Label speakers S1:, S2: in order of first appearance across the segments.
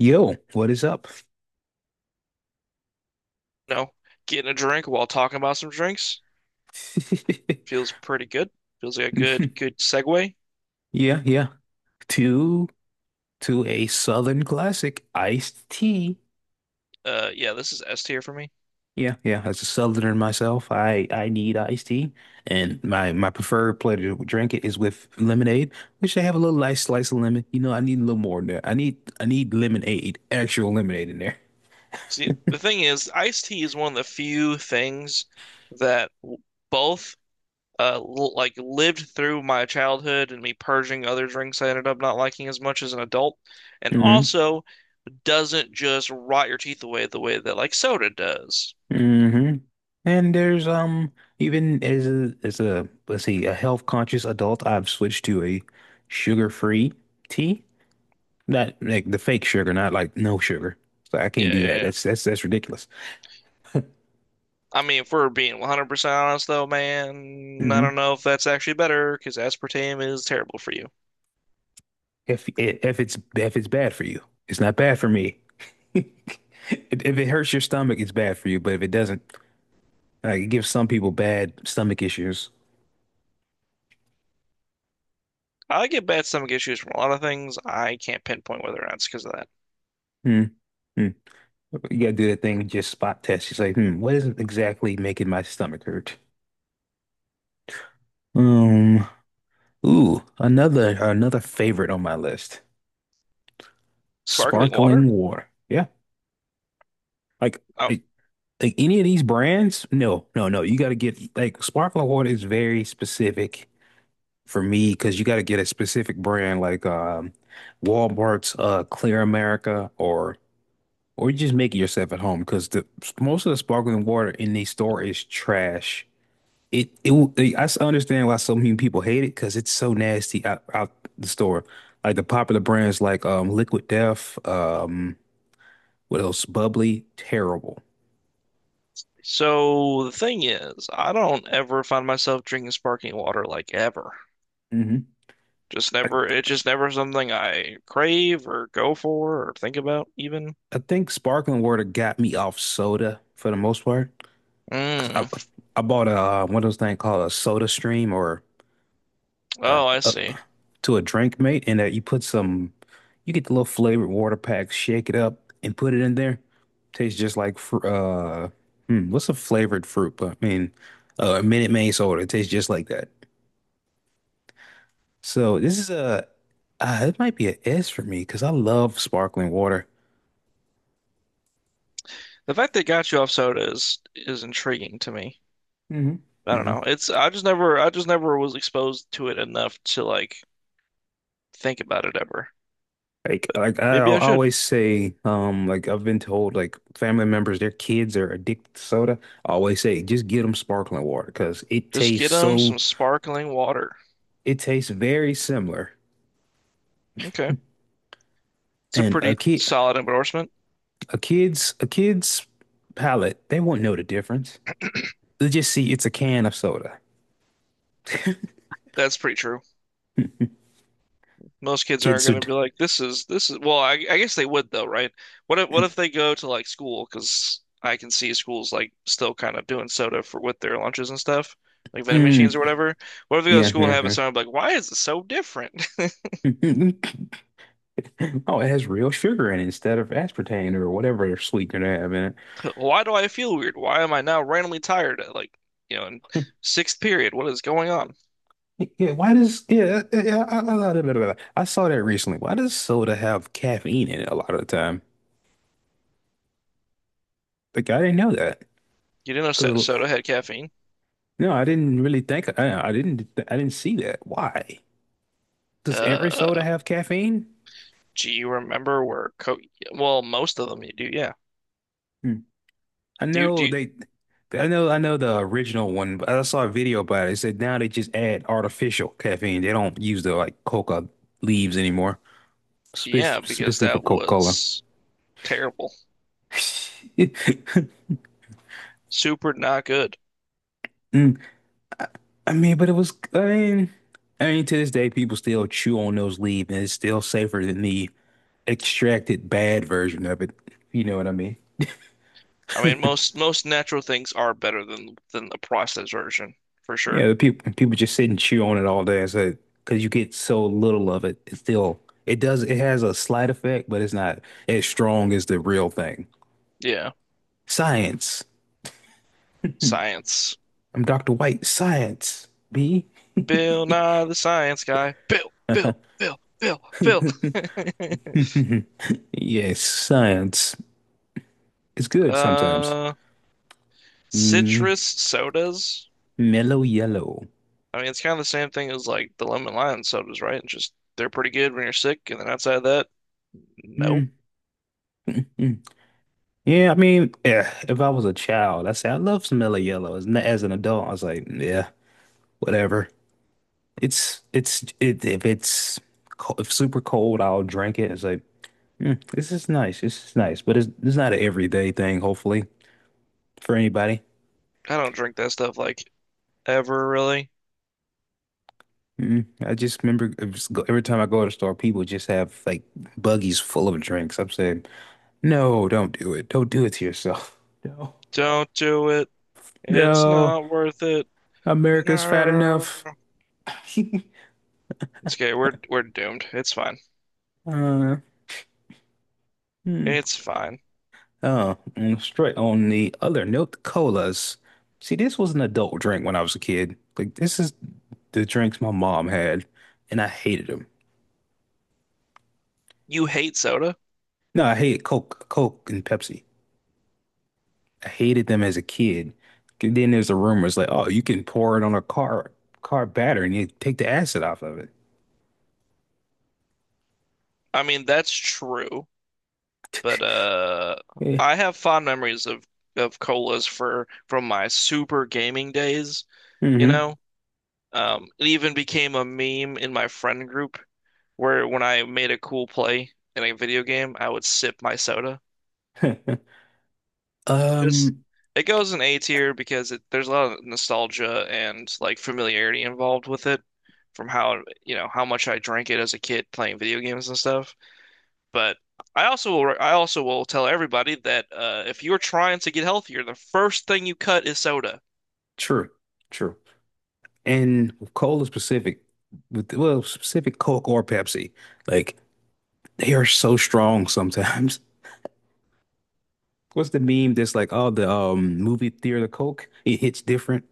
S1: Yo, what is up?
S2: you know, Getting a drink while talking about some drinks feels pretty good. Feels like a good segue.
S1: Yeah, yeah. To to a Southern classic, iced tea.
S2: Yeah, this is S tier for me.
S1: Yeah, yeah. As a Southerner myself, I need iced tea, and my preferred play to drink it is with lemonade, which I have a little nice slice of lemon. I need a little more in there. I need lemonade, actual lemonade in there.
S2: See, the thing is, iced tea is one of the few things that both l like lived through my childhood and me purging other drinks I ended up not liking as much as an adult, and also doesn't just rot your teeth away the way that like soda does.
S1: Hmm And there's even as a let's see a health conscious adult, I've switched to a sugar free tea. Not like the fake sugar, not like no sugar. So I can't
S2: Yeah,
S1: do
S2: yeah,
S1: that.
S2: yeah.
S1: That's ridiculous.
S2: I mean, if we're being 100% honest, though, man, I
S1: Hmm
S2: don't know if that's actually better because aspartame is terrible for you.
S1: If it's bad for you, it's not bad for me. If it hurts your stomach, it's bad for you. But if it doesn't, like it gives some people bad stomach issues.
S2: I get bad stomach issues from a lot of things. I can't pinpoint whether or not it's because of that.
S1: Hmm. Hmm. You gotta do that thing, just spot test. It's like, hmm, what is exactly making my stomach hurt? Um, Ooh, another favorite on my list.
S2: Sparkling
S1: Sparkling
S2: water?
S1: water. Yeah. Like
S2: Oh,
S1: like, like any of these brands? No, no, no. You gotta get like sparkling water is very specific for me because you gotta get a specific brand like Walmart's Clear America, or you just make it yourself at home because the most of the sparkling water in the store is trash. It w- like, I s- Understand why so many people hate it because it's so nasty out, out the store. Like the popular brands like Liquid Death, what else? Bubbly, terrible.
S2: so the thing is, I don't ever find myself drinking sparkling water like ever.
S1: Hmm
S2: Just
S1: I
S2: never, it's just never something I crave or go for or think about even.
S1: think sparkling water got me off soda for the most part because I
S2: Mm.
S1: I bought a one of those things called a Soda Stream or uh,
S2: Oh, I
S1: uh,
S2: see.
S1: to a drink, mate, and you put some, you get the little flavored water packs, shake it up, and put it in there. Tastes just like what's a flavored fruit? But I mean, Minute Maid soda. It tastes just like that. So this is a, it might be an S for me because I love sparkling water.
S2: The fact they got you off soda is intriguing to me.
S1: Hmm
S2: I don't
S1: hmm
S2: know. It's I just never was exposed to it enough to like think about it ever.
S1: Like,
S2: Maybe I should
S1: always say, like I've been told, like family members, their kids are addicted to soda. I always say, just get them sparkling water because it
S2: just
S1: tastes
S2: get them
S1: so
S2: some sparkling water.
S1: it tastes very similar.
S2: Okay. It's a
S1: And
S2: pretty solid endorsement.
S1: a kid's palate, they won't know the difference. They just see it's a can of soda.
S2: That's pretty true. Most kids aren't
S1: Kids
S2: going to
S1: would,
S2: be like this is well, I guess they would though, right? What if they go to like school, because I can see schools like still kind of doing soda for with their lunches and stuff, like vending
S1: mm,
S2: machines or whatever. What if they go to
S1: yeah,
S2: school and have it
S1: yeah,
S2: sound like, why is it so different?
S1: yeah. Oh, it has real sugar in it instead of aspartame or whatever sweetener they have in
S2: Why do I feel weird? Why am I now randomly tired at like, in sixth period? What is going on?
S1: it. Yeah, why does, yeah, yeah, yeah, yeah, I saw that recently. Why does soda have caffeine in it a lot of the time? Like, I didn't know that.
S2: You didn't know
S1: Because,
S2: soda had caffeine.
S1: no, I didn't really think, I didn't see that. Why? Does every soda
S2: Uh,
S1: have caffeine?
S2: do you remember where co Well, most of them you do, yeah.
S1: Hmm. I
S2: Do you, do
S1: know
S2: you,
S1: they, I know the original one, but I saw a video about it. It said now they just add artificial caffeine. They don't use the like coca leaves anymore,
S2: yeah, because
S1: specifically for
S2: that
S1: Coca-Cola.
S2: was terrible. Super not good.
S1: Mm. I mean, but it was, I mean, to this day, people still chew on those leaves, and it's still safer than the extracted bad version of it. You know what I mean?
S2: I mean, most natural things are better than the processed version, for
S1: Yeah,
S2: sure.
S1: the people just sit and chew on it all day. So, because you get so little of it, it still it does it has a slight effect, but it's not as strong as the real thing.
S2: Yeah.
S1: Science.
S2: Science.
S1: I'm Dr. White. Science. B.
S2: Bill Nye the science guy. Bill, Bill, Bill, Bill, Bill.
S1: Yes, science. It's good sometimes.
S2: Uh
S1: Mm,
S2: Citrus sodas.
S1: mellow yellow.
S2: I mean, it's kind of the same thing as like the lemon lime sodas, right? It's just they're pretty good when you're sick, and then outside of that, no.
S1: Mm, mm. Yeah, I mean, yeah, if I was a child, I say I love some mellow yellow. As an adult, I was like, yeah, whatever. It's it if it's if super cold, I'll drink it. It's like mm, this is nice. This is nice, but it's not an everyday thing. Hopefully for anybody.
S2: I don't drink that stuff like ever really.
S1: Mm, I just remember it was every time I go to the store, people just have like buggies full of drinks. I'm saying, no, don't do it. Don't do it to yourself. No,
S2: Don't do it. It's
S1: no,
S2: not worth it.
S1: America's fat
S2: No.
S1: enough.
S2: It's okay. We're doomed. It's fine.
S1: Uh, hmm.
S2: It's fine.
S1: And straight on the other note, colas. See, this was an adult drink when I was a kid. Like this is the drinks my mom had, and I hated them.
S2: You hate soda?
S1: No, I hated Coke, Coke and Pepsi. I hated them as a kid. And then there's the rumors like, oh, you can pour it on a car battery and you take the acid off of it.
S2: I mean, that's true, but
S1: Yeah.
S2: I have fond memories of colas for from my super gaming days, you
S1: Mm-hmm.
S2: know? It even became a meme in my friend group where when I made a cool play in a video game, I would sip my soda. Just
S1: Um,
S2: it goes in A tier because it, there's a lot of nostalgia and like familiarity involved with it from how you know how much I drank it as a kid playing video games and stuff. But I also will tell everybody that if you're trying to get healthier, the first thing you cut is soda.
S1: true, true. And with cola specific, with well, specific Coke or Pepsi, like they are so strong sometimes. What's the meme that's like, oh, the movie theater Coke, it hits different,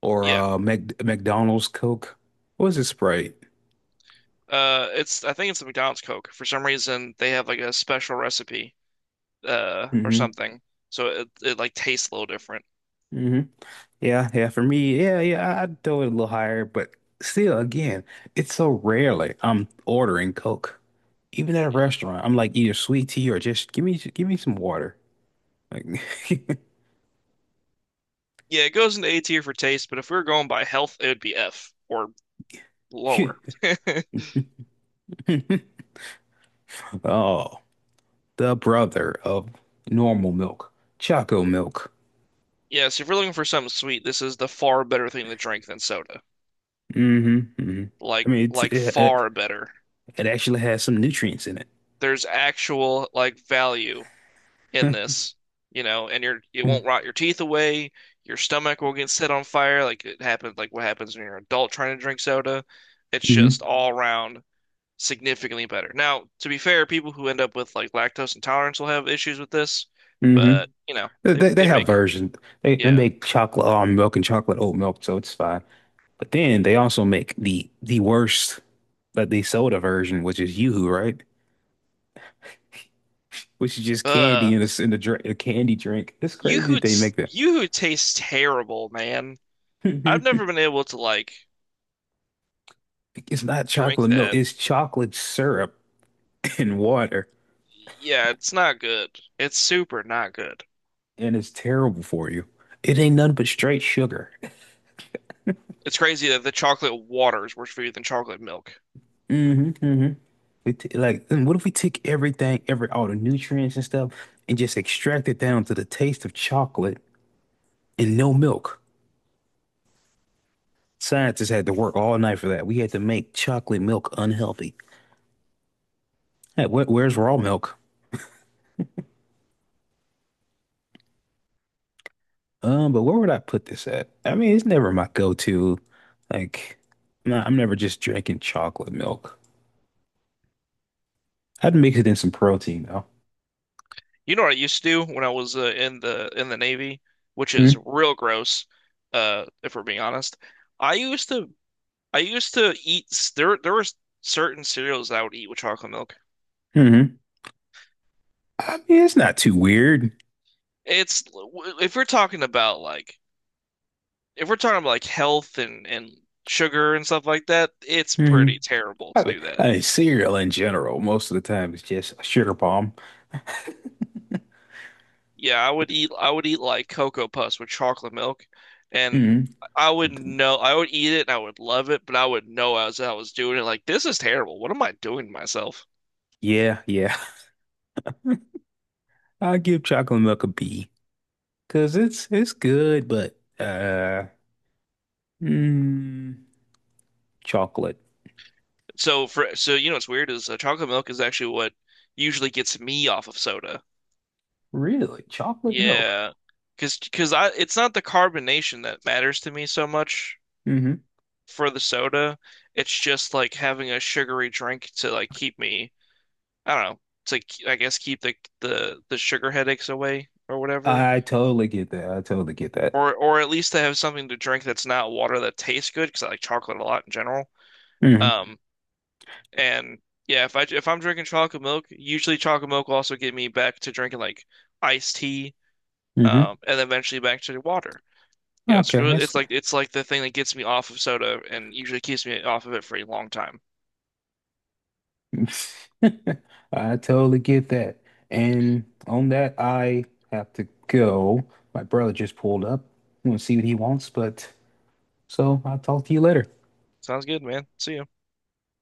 S1: or
S2: Yeah.
S1: Mac McDonald's Coke. What's it Sprite?
S2: It's I think it's the McDonald's Coke. For some reason, they have like a special recipe, or
S1: Hmm
S2: something. So it like tastes a little different.
S1: hmm Yeah, yeah. For me, yeah, yeah. I'd throw it a little higher, but still, again, it's so rarely I'm ordering Coke. Even at a restaurant, I'm like either sweet tea or just give me some water. Like,
S2: Yeah, it goes into A tier for taste, but if we were going by health, it would be F or lower.
S1: oh, the brother of normal milk, Choco milk.
S2: Yeah, so if you're looking for something sweet, this is the far better thing to drink than soda.
S1: Hmm hmm I
S2: Like
S1: mean, it's,
S2: like far better.
S1: it actually has some nutrients in it.
S2: There's actual like value in this, you know, and you're it won't rot your teeth away. Your stomach will get set on fire, like it happens, like what happens when you're an adult trying to drink soda. It's just
S1: Mm-hmm.
S2: all around significantly better. Now, to be fair, people who end up with like lactose intolerance will have issues with this,
S1: hmm
S2: but you know, they
S1: They
S2: they
S1: have
S2: make
S1: versions. They
S2: yeah.
S1: make chocolate almond milk and chocolate oat milk, so it's fine. But then they also make the worst, like the soda version, which is Yoo-hoo, right? Which is just candy
S2: Uh,
S1: in drink, a candy drink. It's
S2: you
S1: crazy
S2: who
S1: that they make that.
S2: you who tastes terrible, man. I've never been able to like
S1: It's not
S2: drink
S1: chocolate milk.
S2: that.
S1: It's chocolate syrup and water,
S2: Yeah, it's not good. It's super not good.
S1: and it's terrible for you. It ain't nothing but straight sugar.
S2: It's crazy that the chocolate water is worse for you than chocolate milk.
S1: hmm hmm then what if we took everything, every all the nutrients and stuff, and just extract it down to the taste of chocolate and no milk? Scientists had to work all night for that. We had to make chocolate milk unhealthy. Hey, where's raw milk? But where would I put this at? I mean, it's never my go-to. Like, nah, I'm never just drinking chocolate milk. I'd mix it in some protein though.
S2: You know what I used to do when I was in the Navy, which is
S1: Mm-hmm.
S2: real gross, if we're being honest. I used to I used to eat there. There were certain cereals I would eat with chocolate milk.
S1: Mm-hmm. I mean, it's not too weird.
S2: It's if we're talking about like if we're talking about like health and sugar and stuff like that, it's
S1: Mm-hmm.
S2: pretty terrible to do that.
S1: I mean, cereal in general, most of the time it's just a sugar bomb.
S2: Yeah, I would eat I would eat like Cocoa Puffs with chocolate milk, and
S1: hmm
S2: I would know I would eat it and I would love it, but I would know as I was doing it like this is terrible. What am I doing to myself?
S1: Yeah, yeah. I give chocolate milk a B because it's good, but mm, chocolate.
S2: So for so you know what's weird is chocolate milk is actually what usually gets me off of soda.
S1: Really? Chocolate milk.
S2: Yeah, because I it's not the carbonation that matters to me so much
S1: Hmm
S2: for the soda. It's just like having a sugary drink to like keep me, I don't know, I guess keep the sugar headaches away or whatever,
S1: I totally get that. I totally get that.
S2: or at least to have something to drink that's not water that tastes good because I like chocolate a lot in general.
S1: Hmm
S2: Um, and yeah, if I if I'm drinking chocolate milk, usually chocolate milk will also get me back to drinking like iced tea,
S1: hmm
S2: and eventually back to water. You know, it's
S1: Okay,
S2: really,
S1: that's
S2: it's like the thing that gets me off of soda and usually keeps me off of it for a long time.
S1: I totally get that. And on that, I have to go. My brother just pulled up. I'm gonna see what he wants, but so I'll talk to you later.
S2: Sounds good, man. See ya.